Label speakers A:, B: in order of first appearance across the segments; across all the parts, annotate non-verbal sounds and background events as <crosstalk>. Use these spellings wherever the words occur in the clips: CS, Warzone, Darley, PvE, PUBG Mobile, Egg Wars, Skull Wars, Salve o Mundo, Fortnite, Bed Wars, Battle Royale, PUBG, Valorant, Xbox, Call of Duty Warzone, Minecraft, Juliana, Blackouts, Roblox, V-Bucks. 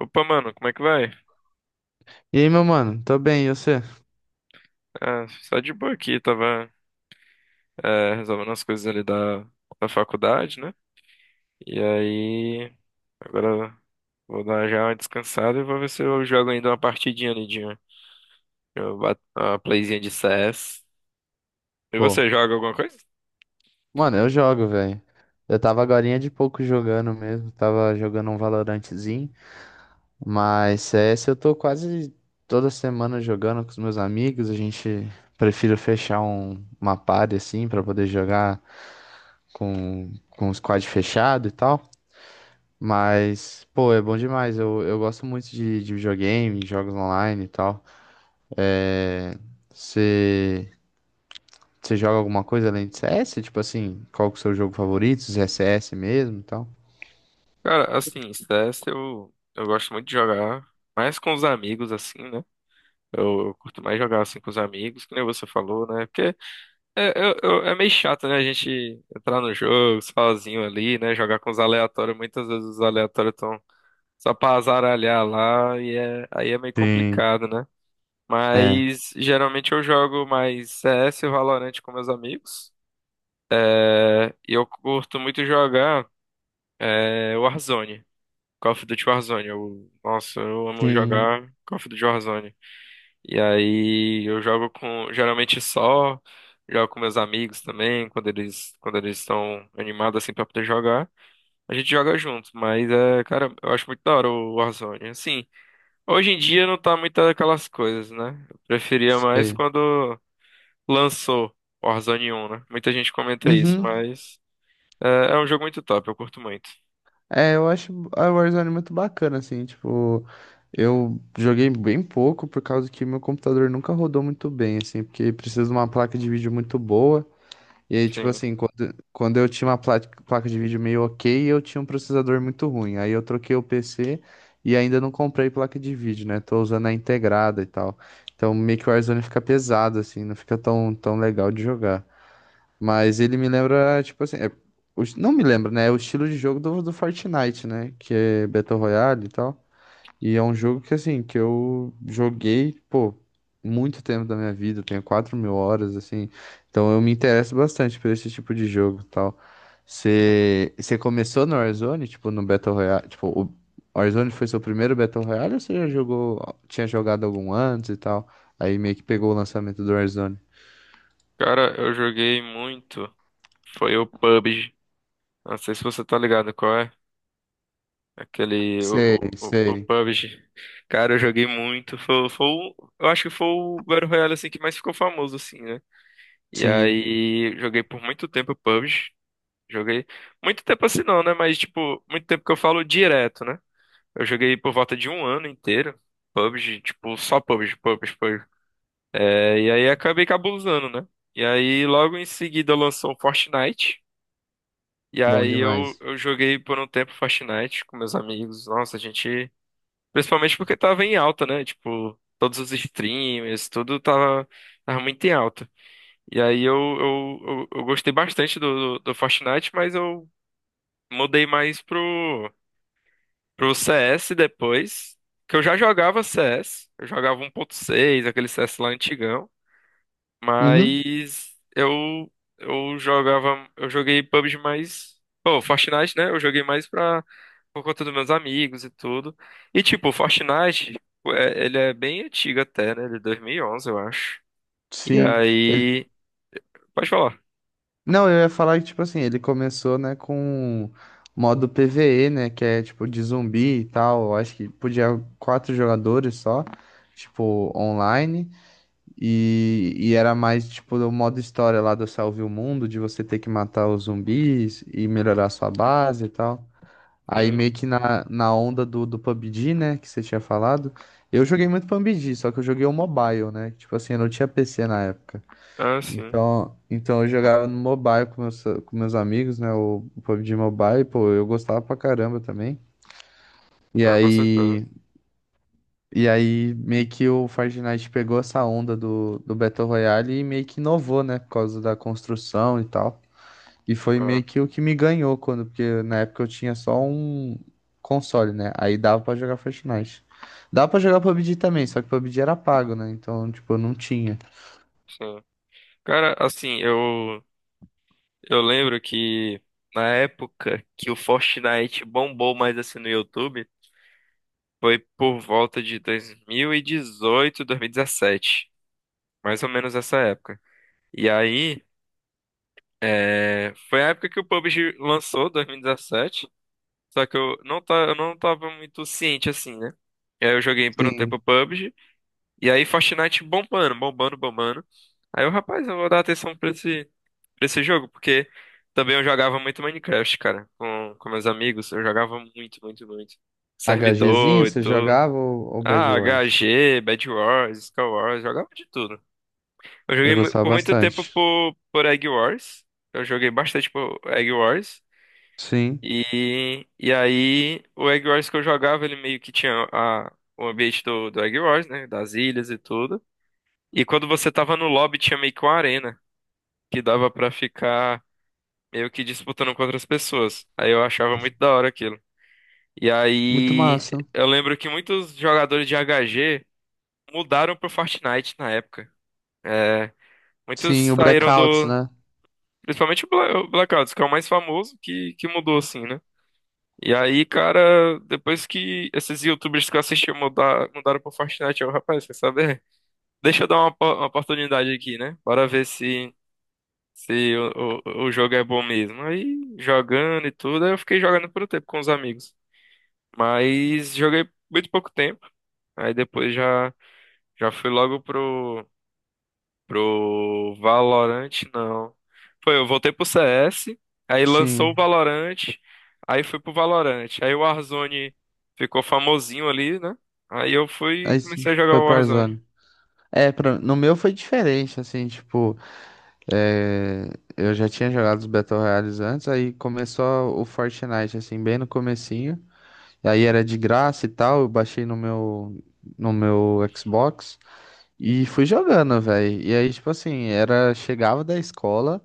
A: Opa, mano, como é que vai?
B: E aí, meu mano? Tô bem, e você?
A: Ah, só de boa aqui, tava resolvendo as coisas ali da faculdade, né? E aí, agora vou dar já uma descansada e vou ver se eu jogo ainda uma partidinha ali de uma playzinha de CS. E
B: Pô,
A: você joga alguma coisa?
B: mano, eu jogo, velho. Eu tava agorinha de pouco jogando mesmo, tava jogando um Valorantezinho, mas CS eu tô quase toda semana jogando com os meus amigos. A gente prefiro fechar uma party assim pra poder jogar com o squad fechado e tal, mas pô, é bom demais. Eu gosto muito de videogame, jogos online e tal. É... Você Você joga alguma coisa além de C S? Tipo assim, qual que é o seu jogo favorito? Se é CS mesmo e tal?
A: Cara, assim, CS eu gosto muito de jogar, mais com os amigos, assim, né? Eu curto mais jogar assim com os amigos, que nem você falou, né? Porque é meio chato, né? A gente entrar no jogo sozinho ali, né? Jogar com os aleatórios. Muitas vezes os aleatórios estão só pra azaralhar lá e aí é meio
B: Sim.
A: complicado, né?
B: É.
A: Mas geralmente eu jogo mais CS e Valorant com meus amigos. É, e eu curto muito jogar Warzone. Call of Duty Warzone. Nossa, eu amo
B: Sim.
A: jogar Call of Duty Warzone. E aí eu jogo com, geralmente só, jogo com meus amigos também, quando eles estão animados assim pra poder jogar. A gente joga junto, mas é, cara, eu acho muito da hora o Warzone. Assim, hoje em dia não tá muito aquelas coisas, né? Eu preferia mais
B: Sei.
A: quando lançou o Warzone 1, né? Muita gente comenta isso,
B: Uhum.
A: mas é um jogo muito top, eu curto muito.
B: É, eu acho a Warzone muito bacana, assim, tipo, eu joguei bem pouco por causa que meu computador nunca rodou muito bem, assim, porque precisa de uma placa de vídeo muito boa. E aí, tipo
A: Sim.
B: assim, quando eu tinha uma placa de vídeo meio ok, eu tinha um processador muito ruim. Aí eu troquei o PC e ainda não comprei placa de vídeo, né? Tô usando a integrada e tal. Então meio que o Warzone fica pesado, assim, não fica tão legal de jogar. Mas ele me lembra, tipo assim, não me lembra, né? É o estilo de jogo do Fortnite, né? Que é Battle Royale e tal. E é um jogo que, assim, que eu joguei, pô, muito tempo da minha vida. Eu tenho 4 mil horas, assim, então eu me interesso bastante por esse tipo de jogo e tal. Você começou no Warzone, tipo, no Battle Royale, tipo, o Warzone foi seu primeiro Battle Royale ou você já jogou, tinha jogado algum antes e tal? Aí meio que pegou o lançamento do Warzone.
A: Cara, eu joguei muito, foi o PUBG. Não sei se você tá ligado qual é. Aquele, o,
B: Sei,
A: o, o o
B: sei,
A: PUBG. Cara, eu joguei muito. Eu acho que foi o Battle Royale, assim, que mais ficou famoso, assim, né? E
B: sim,
A: aí, joguei por muito tempo PUBG. Joguei, muito tempo assim não, né? Mas, tipo, muito tempo que eu falo direto, né? Eu joguei por volta de um ano inteiro. PUBG, tipo, só PUBG, PUBG, PUBG. É, e aí, acabei cabulosando, né? E aí, logo em seguida, lançou o Fortnite. E
B: bom
A: aí, eu,
B: demais.
A: eu joguei por um tempo Fortnite com meus amigos. Nossa, a gente. Principalmente porque tava em alta, né? Tipo, todos os streamers, tudo tava muito em alta. E aí eu gostei bastante do Fortnite, mas eu mudei mais pro CS depois. Que eu já jogava CS, eu jogava um 1.6, aquele CS lá antigão.
B: Uhum.
A: Mas eu joguei PUBG mais. Pô, Fortnite, né? Eu joguei mais pra por conta dos meus amigos e tudo. E tipo, o Fortnite, ele é bem antigo até, né? Ele é 2011 eu acho. E
B: Sim, ele,
A: aí, pode falar.
B: não, eu ia falar que, tipo assim, ele começou, né, com modo PvE, né, que é, tipo, de zumbi e tal. Eu acho que podia quatro jogadores só, tipo, online. E era mais, tipo, o modo história lá do Salve o Mundo, de você ter que matar os zumbis e melhorar sua base e tal. Aí,
A: Sim.
B: meio que na onda do PUBG, né, que você tinha falado. Eu joguei muito PUBG, só que eu joguei o mobile, né, tipo assim, eu não tinha PC na época.
A: Ah, sim.
B: Então eu jogava no mobile com meus amigos, né? O PUBG Mobile, pô, eu gostava pra caramba também. E
A: Ah, com certeza.
B: aí, e aí meio que o Fortnite pegou essa onda do Battle Royale e meio que inovou, né? Por causa da construção e tal. E foi
A: Ah,
B: meio que o que me ganhou quando, porque na época eu tinha só um console, né? Aí dava pra jogar Fortnite. Dava pra jogar PUBG também, só que PUBG era pago, né? Então, tipo, eu não tinha.
A: sim. Cara, assim, eu lembro que na época que o Fortnite bombou mais assim no YouTube, foi por volta de 2017, mais ou menos essa época. E aí, foi a época que o PUBG lançou, 2017. Só que eu não tava muito ciente assim, né? E aí eu joguei por um
B: Sim.
A: tempo PUBG. E aí Fortnite bombando, bombando, bombando. Aí eu, rapaz, eu vou dar atenção pra esse, jogo, porque também eu jogava muito Minecraft, cara, com meus amigos. Eu jogava muito, muito, muito.
B: HGzinho,
A: Servidor e
B: você
A: tudo.
B: jogava, ou, Bed
A: Ah,
B: Wars?
A: HG, Bed Wars, Skull Wars, jogava de tudo. Eu
B: Eu
A: joguei
B: gostava
A: por muito tempo
B: bastante.
A: por Egg Wars. Eu joguei bastante por Egg Wars.
B: Sim,
A: E aí, o Egg Wars que eu jogava, ele meio que tinha o ambiente do Egg Wars, né? Das ilhas e tudo. E quando você tava no lobby, tinha meio que uma arena, que dava pra ficar meio que disputando com outras pessoas. Aí eu achava muito da hora aquilo. E
B: muito
A: aí,
B: massa.
A: eu lembro que muitos jogadores de H G mudaram pro Fortnite na época. É, muitos
B: Sim, o
A: saíram
B: Blackouts,
A: do.
B: né?
A: Principalmente o o Blackouts, que é o mais famoso, que mudou assim, né? E aí, cara, depois que esses YouTubers que eu assisti mudaram pro Fortnite, eu, rapaz, quer saber? Deixa eu dar uma oportunidade aqui, né? Bora ver se o jogo é bom mesmo. Aí, jogando e tudo, aí eu fiquei jogando por um tempo com os amigos. Mas joguei muito pouco tempo. Aí depois já fui logo Pro Valorant, não. Eu voltei pro CS, aí lançou o
B: Sim.
A: Valorant, aí fui pro Valorant. Aí o Warzone ficou famosinho ali, né? Aí eu fui e
B: Aí sim,
A: comecei a jogar
B: foi
A: o Warzone.
B: Tarzan. É, no meu foi diferente, assim, tipo, é, eu já tinha jogado os Battle Royales antes. Aí começou o Fortnite, assim, bem no comecinho, e aí era de graça e tal. Eu baixei no meu Xbox e fui jogando, velho. E aí, tipo assim, chegava da escola,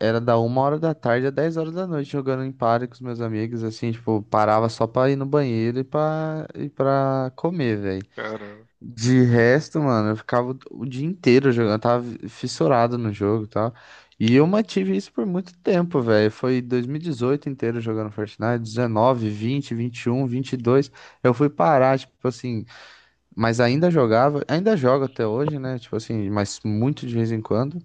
B: era da 1h da tarde a 10h da noite jogando em party com os meus amigos, assim, tipo, parava só pra ir no banheiro e e pra comer, velho.
A: Caramba.
B: De resto, mano, eu ficava o dia inteiro jogando. Eu tava fissurado no jogo e tal. E eu mantive isso por muito tempo, velho. Foi 2018 inteiro jogando Fortnite, 19, 20, 21, 22. Eu fui parar, tipo assim, mas ainda jogava, ainda jogo até hoje, né? Tipo assim, mas muito de vez em quando.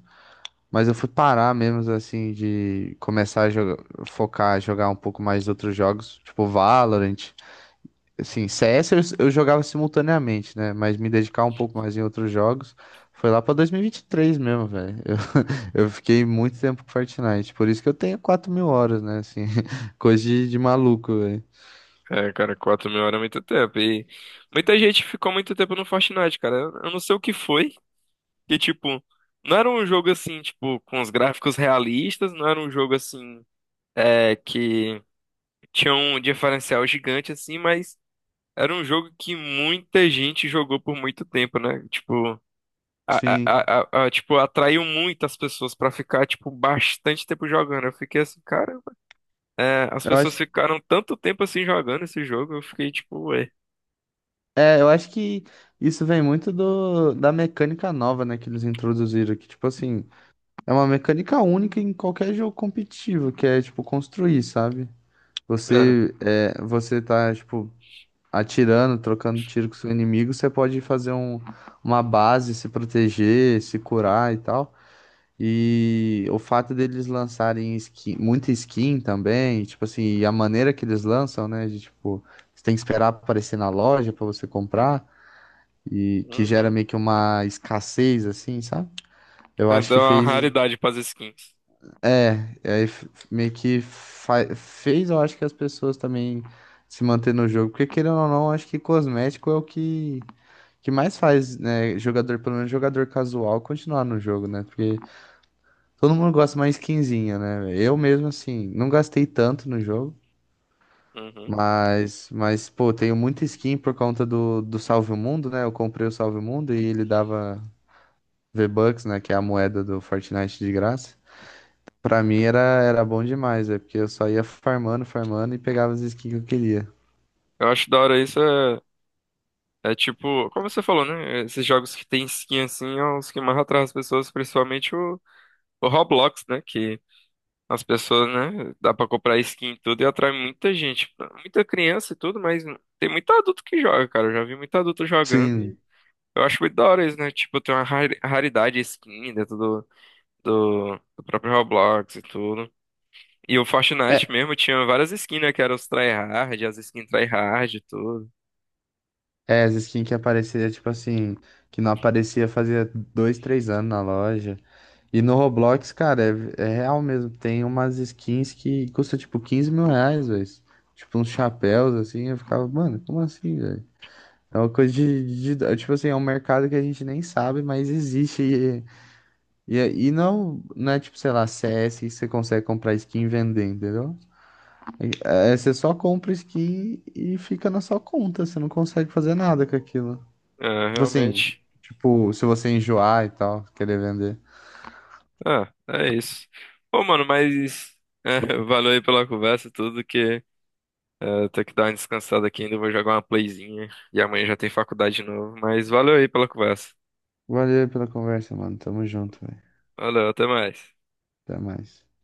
B: Mas eu fui parar mesmo, assim, de começar a jogar, focar, jogar um pouco mais outros jogos, tipo Valorant. Assim, CS eu jogava simultaneamente, né? Mas me dedicar um pouco mais em outros jogos foi lá pra 2023 mesmo, velho. Eu, <laughs> eu fiquei muito tempo com Fortnite, por isso que eu tenho 4.000 horas, né? Assim, <laughs> coisa de maluco, velho.
A: É, cara, 4.000 horas é muito tempo. E muita gente ficou muito tempo no Fortnite, cara. Eu não sei o que foi. Que, tipo, não era um jogo assim, tipo, com os gráficos realistas, não era um jogo assim, que tinha um diferencial gigante, assim, mas. Era um jogo que muita gente jogou por muito tempo, né? Tipo,
B: Sim,
A: tipo atraiu muitas pessoas pra ficar, tipo, bastante tempo jogando. Eu fiquei assim, cara, as
B: eu
A: pessoas
B: acho,
A: ficaram tanto tempo assim jogando esse jogo, eu fiquei tipo, ué.
B: eu acho que isso vem muito da mecânica nova, né, que eles introduziram, que, tipo assim, é uma mecânica única em qualquer jogo competitivo, que é, tipo, construir, sabe?
A: É.
B: Você tá, tipo, atirando, trocando tiro com seu inimigo. Você pode fazer uma base, se proteger, se curar e tal. E o fato deles lançarem skin, muita skin também, tipo assim, e a maneira que eles lançam, né? De, tipo, você tem que esperar aparecer na loja pra você comprar, e que gera
A: Uhum.
B: meio que uma escassez, assim, sabe? Eu acho
A: Dá
B: que
A: uma
B: fez.
A: raridade pras skins.
B: É, e aí meio que fez, eu acho, que as pessoas também se manter no jogo, porque querendo ou não, acho que cosmético é o que mais faz, né, jogador, pelo menos jogador casual, continuar no jogo, né? Porque todo mundo gosta mais skinzinha, né? Eu mesmo, assim, não gastei tanto no jogo,
A: Uhum.
B: mas pô, tenho muita skin por conta do Salve o Mundo, né? Eu comprei o Salve o Mundo e ele dava V-Bucks, né, que é a moeda do Fortnite de graça. Pra mim era bom demais, é porque eu só ia farmando, farmando e pegava as skins que eu queria.
A: Eu acho da hora isso, é tipo, como você falou, né? Esses jogos que tem skin assim, é os que mais atraem as pessoas, principalmente o Roblox, né? Que as pessoas, né? Dá pra comprar skin e tudo e atrai muita gente, muita criança e tudo, mas tem muito adulto que joga, cara. Eu já vi muito adulto jogando e
B: Sim.
A: eu acho muito da hora isso, né? Tipo, tem uma raridade skin dentro do próprio Roblox e tudo. E o Fortnite
B: É,
A: mesmo tinha várias skins, né? Que eram os tryhard, as skins tryhard e tudo.
B: é, as skins que aparecia, tipo assim, que não aparecia fazia dois, três anos na loja. E no Roblox, cara, é real mesmo. Tem umas skins que custam tipo R$ 15.000, velho. Tipo uns chapéus, assim. Eu ficava, mano, como assim, velho? É uma coisa tipo assim, é um mercado que a gente nem sabe, mas existe. E não é tipo, sei lá, CS que você consegue comprar skin e vender, entendeu? É, você só compra skin e fica na sua conta. Você não consegue fazer nada com aquilo.
A: É,
B: Tipo assim,
A: realmente.
B: tipo, se você enjoar e tal, querer vender.
A: Ah, é isso. Pô, mano, mas. <laughs> Valeu aí pela conversa e tudo, que. É, ter que dar uma descansada aqui ainda, vou jogar uma playzinha. E amanhã já tem faculdade de novo. Mas valeu aí pela conversa.
B: Valeu pela conversa, mano. Tamo junto, velho.
A: Valeu, até mais.
B: Até mais.